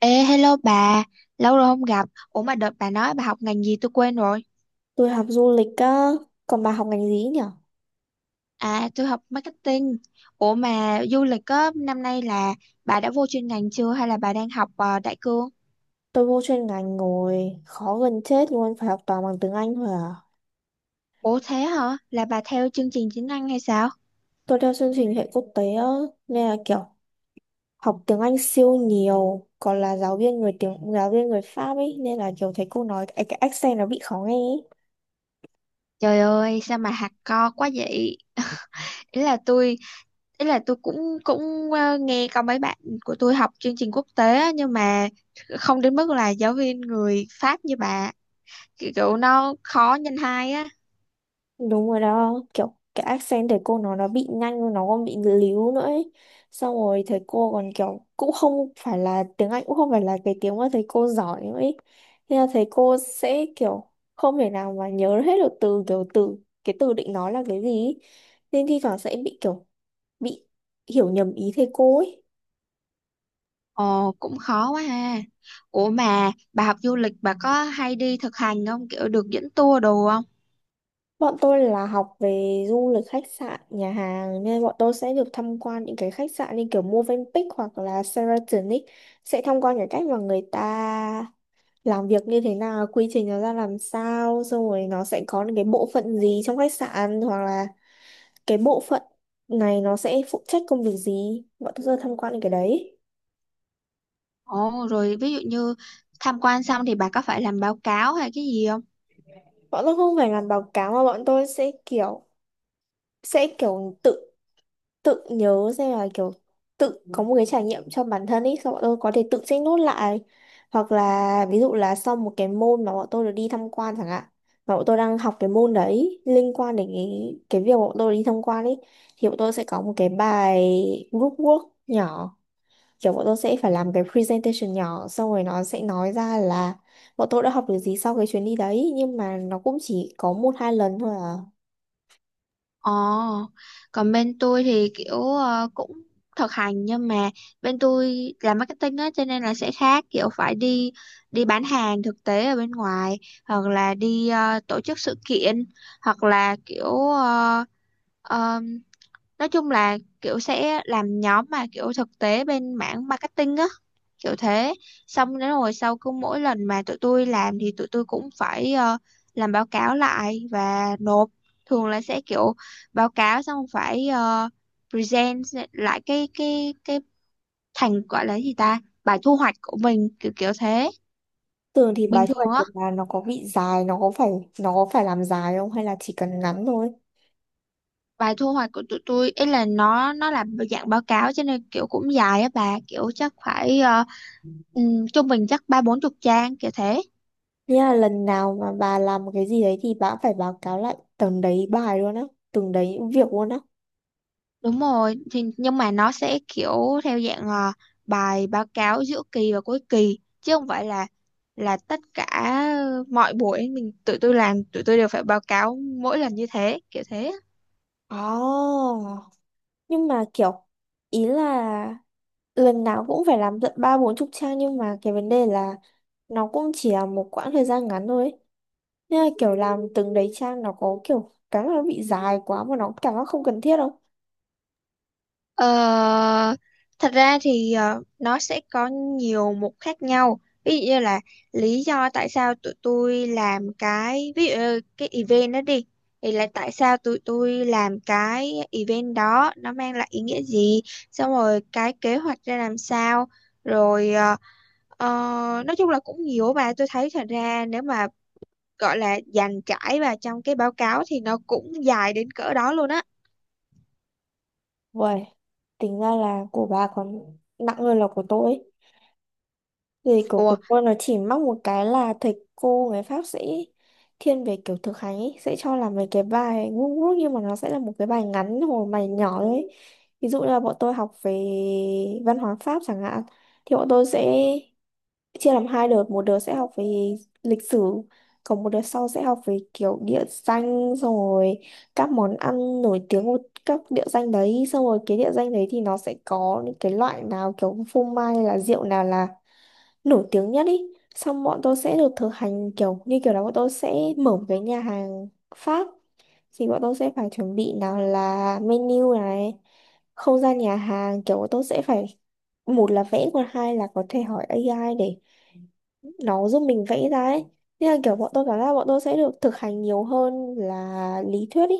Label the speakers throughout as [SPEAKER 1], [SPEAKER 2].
[SPEAKER 1] Ê, hello bà, lâu rồi không gặp. Ủa mà đợt bà nói bà học ngành gì tôi quên rồi.
[SPEAKER 2] Tôi học du lịch á, còn bà học ngành gì nhỉ?
[SPEAKER 1] À, tôi học marketing. Ủa mà du lịch á, năm nay là bà đã vô chuyên ngành chưa hay là bà đang học đại cương?
[SPEAKER 2] Tôi vô chuyên ngành ngồi khó gần chết luôn, phải học toàn bằng tiếng Anh thôi à.
[SPEAKER 1] Ủa thế hả? Là bà theo chương trình chính năng hay sao?
[SPEAKER 2] Tôi theo chương trình hệ quốc tế á, nên là kiểu học tiếng Anh siêu nhiều, còn là giáo viên người Pháp ấy, nên là kiểu thấy cô nói cái accent nó bị khó nghe ấy.
[SPEAKER 1] Trời ơi, sao mà hạt co quá vậy? Ý là tôi, ý là tôi cũng cũng nghe có mấy bạn của tôi học chương trình quốc tế á, nhưng mà không đến mức là giáo viên người Pháp như bà. Kiểu nó khó nhân hai á.
[SPEAKER 2] Đúng rồi đó, kiểu cái accent thầy cô nó bị nhanh, nó còn bị líu nữa ấy. Xong rồi thầy cô còn kiểu cũng không phải là tiếng Anh cũng không phải là cái tiếng mà thầy cô giỏi nữa ấy. Nên là thầy cô sẽ kiểu không thể nào mà nhớ hết được từ kiểu từ cái từ định nói là cái gì ấy. Nên thi thoảng sẽ bị hiểu nhầm ý thầy cô ấy.
[SPEAKER 1] Ồ cũng khó quá ha. Ủa mà bà học du lịch bà có hay đi thực hành không? Kiểu được dẫn tour đồ không?
[SPEAKER 2] Bọn tôi là học về du lịch khách sạn, nhà hàng nên bọn tôi sẽ được tham quan những cái khách sạn như kiểu Movenpick hoặc là Sheraton ấy. Sẽ tham quan cái cách mà người ta làm việc như thế nào, quy trình nó ra làm sao, xong rồi nó sẽ có những cái bộ phận gì trong khách sạn hoặc là cái bộ phận này nó sẽ phụ trách công việc gì. Bọn tôi sẽ tham quan những cái đấy.
[SPEAKER 1] Ồ rồi ví dụ như tham quan xong thì bà có phải làm báo cáo hay cái gì không?
[SPEAKER 2] Bọn tôi không phải làm báo cáo mà bọn tôi sẽ kiểu tự tự nhớ xem là kiểu tự có một cái trải nghiệm cho bản thân ấy, xong bọn tôi có thể tự check nốt lại, hoặc là ví dụ là sau một cái môn mà bọn tôi được đi tham quan chẳng hạn, mà bọn tôi đang học cái môn đấy liên quan đến cái việc bọn tôi đi tham quan ấy, thì bọn tôi sẽ có một cái bài group work nhỏ, kiểu bọn tôi sẽ phải làm cái presentation nhỏ, xong rồi nó sẽ nói ra là bọn tôi đã học được gì sau cái chuyến đi đấy, nhưng mà nó cũng chỉ có một hai lần thôi à.
[SPEAKER 1] Ồ, còn bên tôi thì kiểu cũng thực hành nhưng mà bên tôi làm marketing á, cho nên là sẽ khác, kiểu phải đi đi bán hàng thực tế ở bên ngoài hoặc là đi tổ chức sự kiện hoặc là kiểu uh, nói chung là kiểu sẽ làm nhóm mà kiểu thực tế bên mảng marketing á, kiểu thế. Xong đến rồi sau cứ mỗi lần mà tụi tôi làm thì tụi tôi cũng phải làm báo cáo lại và nộp. Thường là sẽ kiểu báo cáo xong phải present lại cái thành gọi là gì ta, bài thu hoạch của mình, kiểu kiểu thế.
[SPEAKER 2] Thường thì
[SPEAKER 1] Bình
[SPEAKER 2] bài thu hoạch
[SPEAKER 1] thường á,
[SPEAKER 2] của bà nó có bị dài, nó có phải làm dài không hay là chỉ cần ngắn thôi?
[SPEAKER 1] bài thu hoạch của tụi tôi ấy là nó là dạng báo cáo cho nên kiểu cũng dài á bà, kiểu chắc phải trung bình chắc ba bốn chục trang kiểu thế.
[SPEAKER 2] Nghĩa là lần nào mà bà làm một cái gì đấy thì bà cũng phải báo cáo lại từng đấy bài luôn á, từng đấy việc luôn á.
[SPEAKER 1] Đúng rồi thì nhưng mà nó sẽ kiểu theo dạng bài báo cáo giữa kỳ và cuối kỳ chứ không phải là tất cả mọi buổi mình tụi tôi làm tụi tôi đều phải báo cáo mỗi lần như thế, kiểu thế.
[SPEAKER 2] Oh, nhưng mà kiểu ý là lần nào cũng phải làm tận ba bốn chục trang, nhưng mà cái vấn đề là nó cũng chỉ là một quãng thời gian ngắn thôi ấy. Nên là kiểu làm từng đấy trang nó có kiểu cái mà nó bị dài quá mà nó cảm giác không cần thiết không?
[SPEAKER 1] Ờ, thật ra thì nó sẽ có nhiều mục khác nhau. Ví dụ như là lý do tại sao tụi tôi làm cái ví dụ như cái event đó đi, thì là tại sao tụi tôi làm cái event đó, nó mang lại ý nghĩa gì, xong rồi cái kế hoạch ra làm sao, rồi ờ, nói chung là cũng nhiều và tôi thấy thật ra nếu mà gọi là dàn trải vào trong cái báo cáo thì nó cũng dài đến cỡ đó luôn á.
[SPEAKER 2] Uầy, tính ra là của bà còn nặng hơn là của tôi ấy. Vì của
[SPEAKER 1] Ủa.
[SPEAKER 2] tôi nó chỉ mắc một cái là thầy cô người Pháp sẽ thiên về kiểu thực hành ấy, sẽ cho làm mấy cái bài ngu ngốc, nhưng mà nó sẽ là một cái bài ngắn hồi bài nhỏ ấy. Ví dụ như là bọn tôi học về văn hóa Pháp chẳng hạn, thì bọn tôi sẽ chia làm hai đợt, một đợt sẽ học về lịch sử, còn một đợt sau sẽ học về kiểu địa danh rồi các món ăn nổi tiếng của các địa danh đấy, xong rồi cái địa danh đấy thì nó sẽ có những cái loại nào kiểu phô mai hay là rượu nào là nổi tiếng nhất ý, xong bọn tôi sẽ được thực hành kiểu như kiểu là bọn tôi sẽ mở một cái nhà hàng Pháp, thì bọn tôi sẽ phải chuẩn bị nào là menu này, không gian nhà hàng, kiểu bọn tôi sẽ phải một là vẽ, còn hai là có thể hỏi AI để nó giúp mình vẽ ra ấy, nên là kiểu bọn tôi cảm giác bọn tôi sẽ được thực hành nhiều hơn là lý thuyết ý.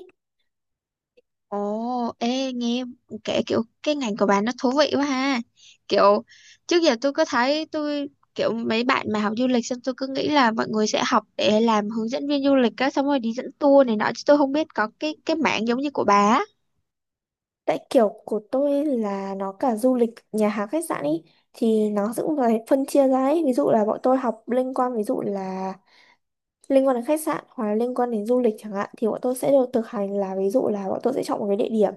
[SPEAKER 1] Ồ, ê, nghe kể kiểu cái ngành của bạn nó thú vị quá ha. Kiểu trước giờ tôi có thấy tôi kiểu mấy bạn mà học du lịch xong tôi cứ nghĩ là mọi người sẽ học để làm hướng dẫn viên du lịch á, xong rồi đi dẫn tour này nọ chứ tôi không biết có cái mảng giống như của bà á.
[SPEAKER 2] Tại kiểu của tôi là nó cả du lịch nhà hàng khách sạn ý, thì nó cũng phải phân chia ra ấy, ví dụ là bọn tôi học liên quan, ví dụ là liên quan đến khách sạn hoặc là liên quan đến du lịch chẳng hạn, thì bọn tôi sẽ được thực hành là ví dụ là bọn tôi sẽ chọn một cái địa điểm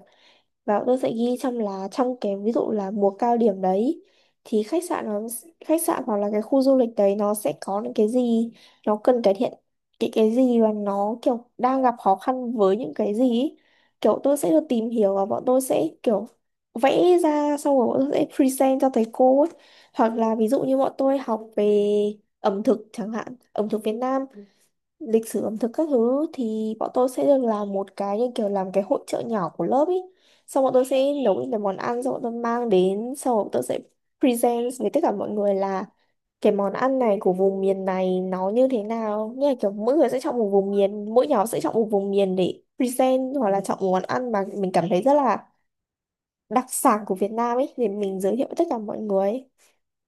[SPEAKER 2] và bọn tôi sẽ ghi trong là trong cái ví dụ là mùa cao điểm đấy, thì khách sạn hoặc là cái khu du lịch đấy nó sẽ có những cái gì, nó cần cải thiện cái gì và nó kiểu đang gặp khó khăn với những cái gì ý. Kiểu tôi sẽ được tìm hiểu và bọn tôi sẽ kiểu vẽ ra, xong rồi bọn tôi sẽ present cho thầy cô ấy. Hoặc là ví dụ như bọn tôi học về ẩm thực chẳng hạn, ẩm thực Việt Nam, lịch sử ẩm thực các thứ, thì bọn tôi sẽ được làm một cái như kiểu làm cái hội chợ nhỏ của lớp ý, xong bọn tôi sẽ nấu những cái món ăn, xong bọn tôi mang đến, xong bọn tôi sẽ present với tất cả mọi người là cái món ăn này của vùng miền này nó như thế nào, như là kiểu mỗi người sẽ chọn một vùng miền, mỗi nhóm sẽ chọn một vùng miền để present, hoặc là chọn một món ăn mà mình cảm thấy rất là đặc sản của Việt Nam ấy để mình giới thiệu với tất cả mọi người.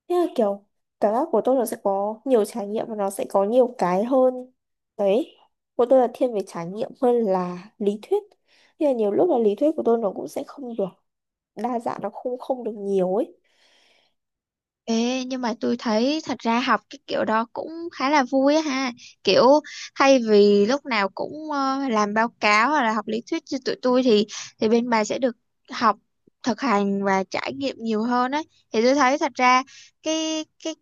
[SPEAKER 2] Thế là kiểu cảm giác của tôi nó sẽ có nhiều trải nghiệm và nó sẽ có nhiều cái hơn. Đấy, của tôi là thiên về trải nghiệm hơn là lý thuyết. Thế là nhiều lúc là lý thuyết của tôi nó cũng sẽ không được đa dạng, nó không không được nhiều ấy.
[SPEAKER 1] Ê, nhưng mà tôi thấy thật ra học cái kiểu đó cũng khá là vui á ha. Kiểu thay vì lúc nào cũng làm báo cáo hoặc là học lý thuyết như tụi tôi thì bên bà sẽ được học thực hành và trải nghiệm nhiều hơn ấy. Thì tôi thấy thật ra cái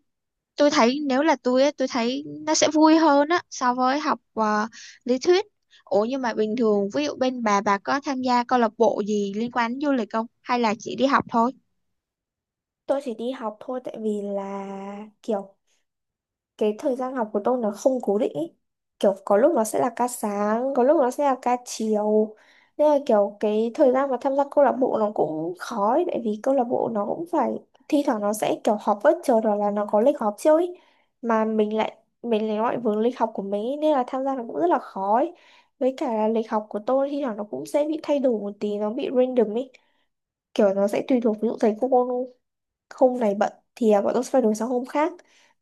[SPEAKER 1] tôi thấy nếu là tôi á tôi thấy nó sẽ vui hơn á so với học lý thuyết. Ủa nhưng mà bình thường ví dụ bên bà có tham gia câu lạc bộ gì liên quan đến du lịch không? Hay là chỉ đi học thôi?
[SPEAKER 2] Tôi chỉ đi học thôi, tại vì là kiểu cái thời gian học của tôi nó không cố định ý. Kiểu có lúc nó sẽ là ca sáng, có lúc nó sẽ là ca chiều. Nên là kiểu cái thời gian mà tham gia câu lạc bộ nó cũng khó ấy, tại vì câu lạc bộ nó cũng phải thi thoảng nó sẽ kiểu họp bất chợt hoặc là nó có lịch họp chưa ấy. Mà mình lại gọi vướng lịch học của mình ý, nên là tham gia nó cũng rất là khó ấy. Với cả là lịch học của tôi thi thoảng nó cũng sẽ bị thay đổi một tí, nó bị random ấy. Kiểu nó sẽ tùy thuộc ví dụ thầy cô hôm này bận thì à, bọn tôi sẽ phải đổi sang hôm khác,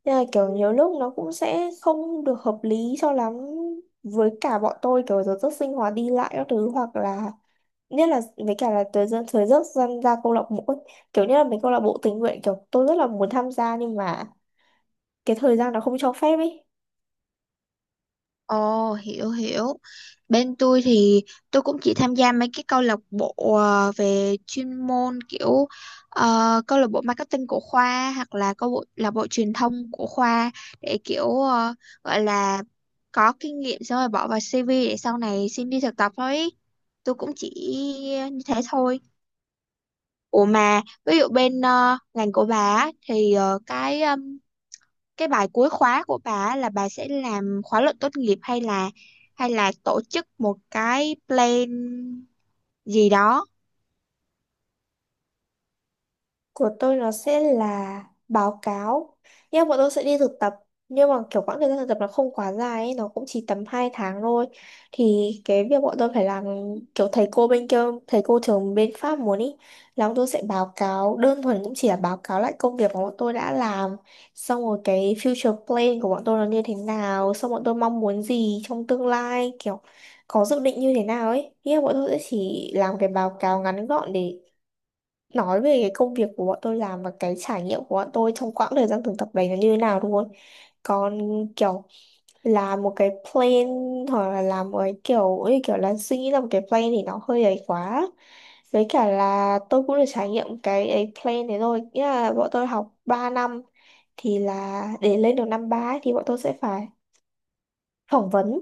[SPEAKER 2] nên là kiểu nhiều lúc nó cũng sẽ không được hợp lý cho lắm với cả bọn tôi, kiểu giờ giấc sinh hoạt đi lại các thứ, hoặc là nhất là với cả là thời gian ra câu lạc bộ ấy. Kiểu như là mấy câu lạc bộ tình nguyện, kiểu tôi rất là muốn tham gia nhưng mà cái thời gian nó không cho phép ấy.
[SPEAKER 1] Ồ, hiểu hiểu. Bên tôi thì tôi cũng chỉ tham gia mấy cái câu lạc bộ về chuyên môn kiểu câu lạc bộ marketing của khoa hoặc là câu bộ là bộ truyền thông của khoa để kiểu gọi là có kinh nghiệm xong rồi bỏ vào CV để sau này xin đi thực tập thôi ý. Tôi cũng chỉ như thế thôi. Ủa mà ví dụ bên ngành của bà á, thì cái bài cuối khóa của bà á là bà sẽ làm khóa luận tốt nghiệp hay là tổ chức một cái plan gì đó.
[SPEAKER 2] Của tôi nó sẽ là báo cáo, nhưng mà bọn tôi sẽ đi thực tập, nhưng mà kiểu quãng thời gian thực tập nó không quá dài ấy, nó cũng chỉ tầm 2 tháng thôi, thì cái việc bọn tôi phải làm kiểu thầy cô bên kia, thầy cô trường bên Pháp muốn ý là bọn tôi sẽ báo cáo đơn thuần cũng chỉ là báo cáo lại công việc mà bọn tôi đã làm, xong rồi cái future plan của bọn tôi nó như thế nào, xong bọn tôi mong muốn gì trong tương lai, kiểu có dự định như thế nào ấy, nghĩa là bọn tôi sẽ chỉ làm cái báo cáo ngắn gọn để nói về cái công việc của bọn tôi làm và cái trải nghiệm của bọn tôi trong quãng thời gian thực tập đấy nó như thế nào luôn. Còn kiểu làm một cái plan hoặc là làm một cái kiểu như kiểu là suy nghĩ ra một cái plan thì nó hơi ấy quá, với cả là tôi cũng được trải nghiệm cái ấy plan đấy rồi, nghĩa là bọn tôi học 3 năm thì là để lên được năm ba ấy, thì bọn tôi sẽ phải phỏng vấn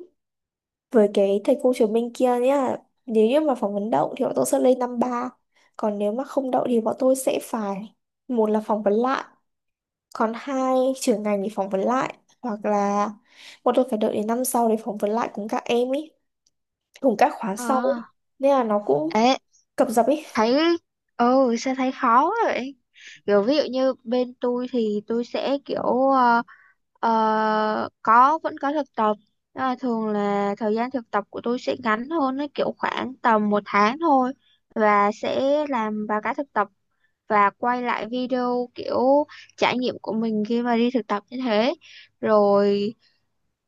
[SPEAKER 2] với cái thầy cô trường bên kia nhá, nếu như mà phỏng vấn đậu thì bọn tôi sẽ lên năm ba, còn nếu mà không đậu thì bọn tôi sẽ phải một là phỏng vấn lại, còn hai trưởng ngành thì phỏng vấn lại, hoặc là bọn tôi phải đợi đến năm sau để phỏng vấn lại cùng các em ý, cùng các khóa sau ý,
[SPEAKER 1] À.
[SPEAKER 2] nên là nó cũng
[SPEAKER 1] Ê,
[SPEAKER 2] cập dập ý.
[SPEAKER 1] thấy, ừ sao thấy khó quá vậy, kiểu ví dụ như bên tôi thì tôi sẽ kiểu ờ, có vẫn có thực tập. Nhưng mà thường là thời gian thực tập của tôi sẽ ngắn hơn, nó kiểu khoảng tầm một tháng thôi và sẽ làm báo cáo thực tập và quay lại video kiểu trải nghiệm của mình khi mà đi thực tập như thế rồi.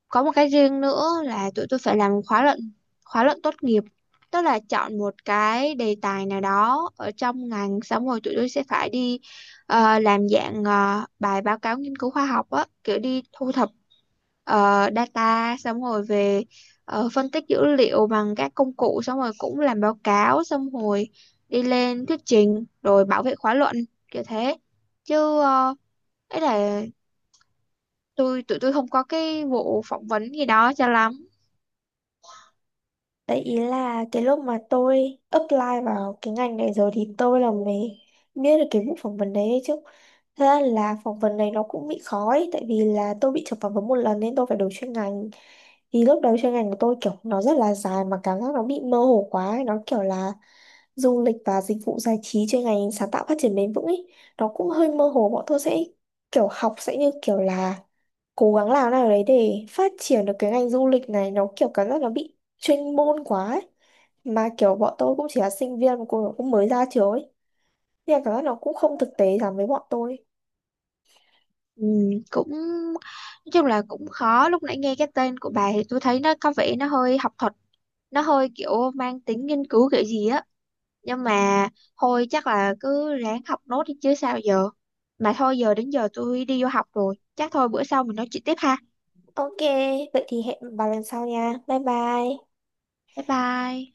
[SPEAKER 1] Có một cái riêng nữa là tụi tôi phải làm khóa luận, khóa luận tốt nghiệp, tức là chọn một cái đề tài nào đó ở trong ngành xong rồi tụi tôi sẽ phải đi làm dạng bài báo cáo nghiên cứu khoa học á, kiểu đi thu thập data xong rồi về phân tích dữ liệu bằng các công cụ xong rồi cũng làm báo cáo xong rồi đi lên thuyết trình rồi bảo vệ khóa luận kiểu thế. Chứ ấy là tụi tôi không có cái vụ phỏng vấn gì đó cho lắm.
[SPEAKER 2] Đấy ý là cái lúc mà tôi apply vào cái ngành này rồi thì tôi là mới biết được cái vụ phỏng vấn đấy đấy chứ. Thật ra là phỏng vấn này nó cũng bị khó ấy, tại vì là tôi bị chụp phỏng vấn một lần nên tôi phải đổi chuyên ngành. Thì lúc đầu chuyên ngành của tôi kiểu nó rất là dài mà cảm giác nó bị mơ hồ quá ấy. Nó kiểu là du lịch và dịch vụ giải trí chuyên ngành sáng tạo phát triển bền vững ấy. Nó cũng hơi mơ hồ, bọn tôi sẽ kiểu học sẽ như kiểu là cố gắng làm nào đấy để phát triển được cái ngành du lịch này, nó kiểu cảm giác nó bị chuyên môn quá ấy. Mà kiểu bọn tôi cũng chỉ là sinh viên mà cũng mới ra trường ấy, nên là cảm giác nó cũng không thực tế lắm với bọn tôi.
[SPEAKER 1] Ừ, cũng nói chung là cũng khó, lúc nãy nghe cái tên của bà thì tôi thấy nó có vẻ nó hơi học thuật, nó hơi kiểu mang tính nghiên cứu kiểu gì á, nhưng mà thôi chắc là cứ ráng học nốt đi chứ sao giờ. Mà thôi giờ đến giờ tôi đi vô học rồi, chắc thôi bữa sau mình nói chuyện tiếp ha.
[SPEAKER 2] OK, vậy thì hẹn bà lần sau nha, bye bye.
[SPEAKER 1] Bye bye.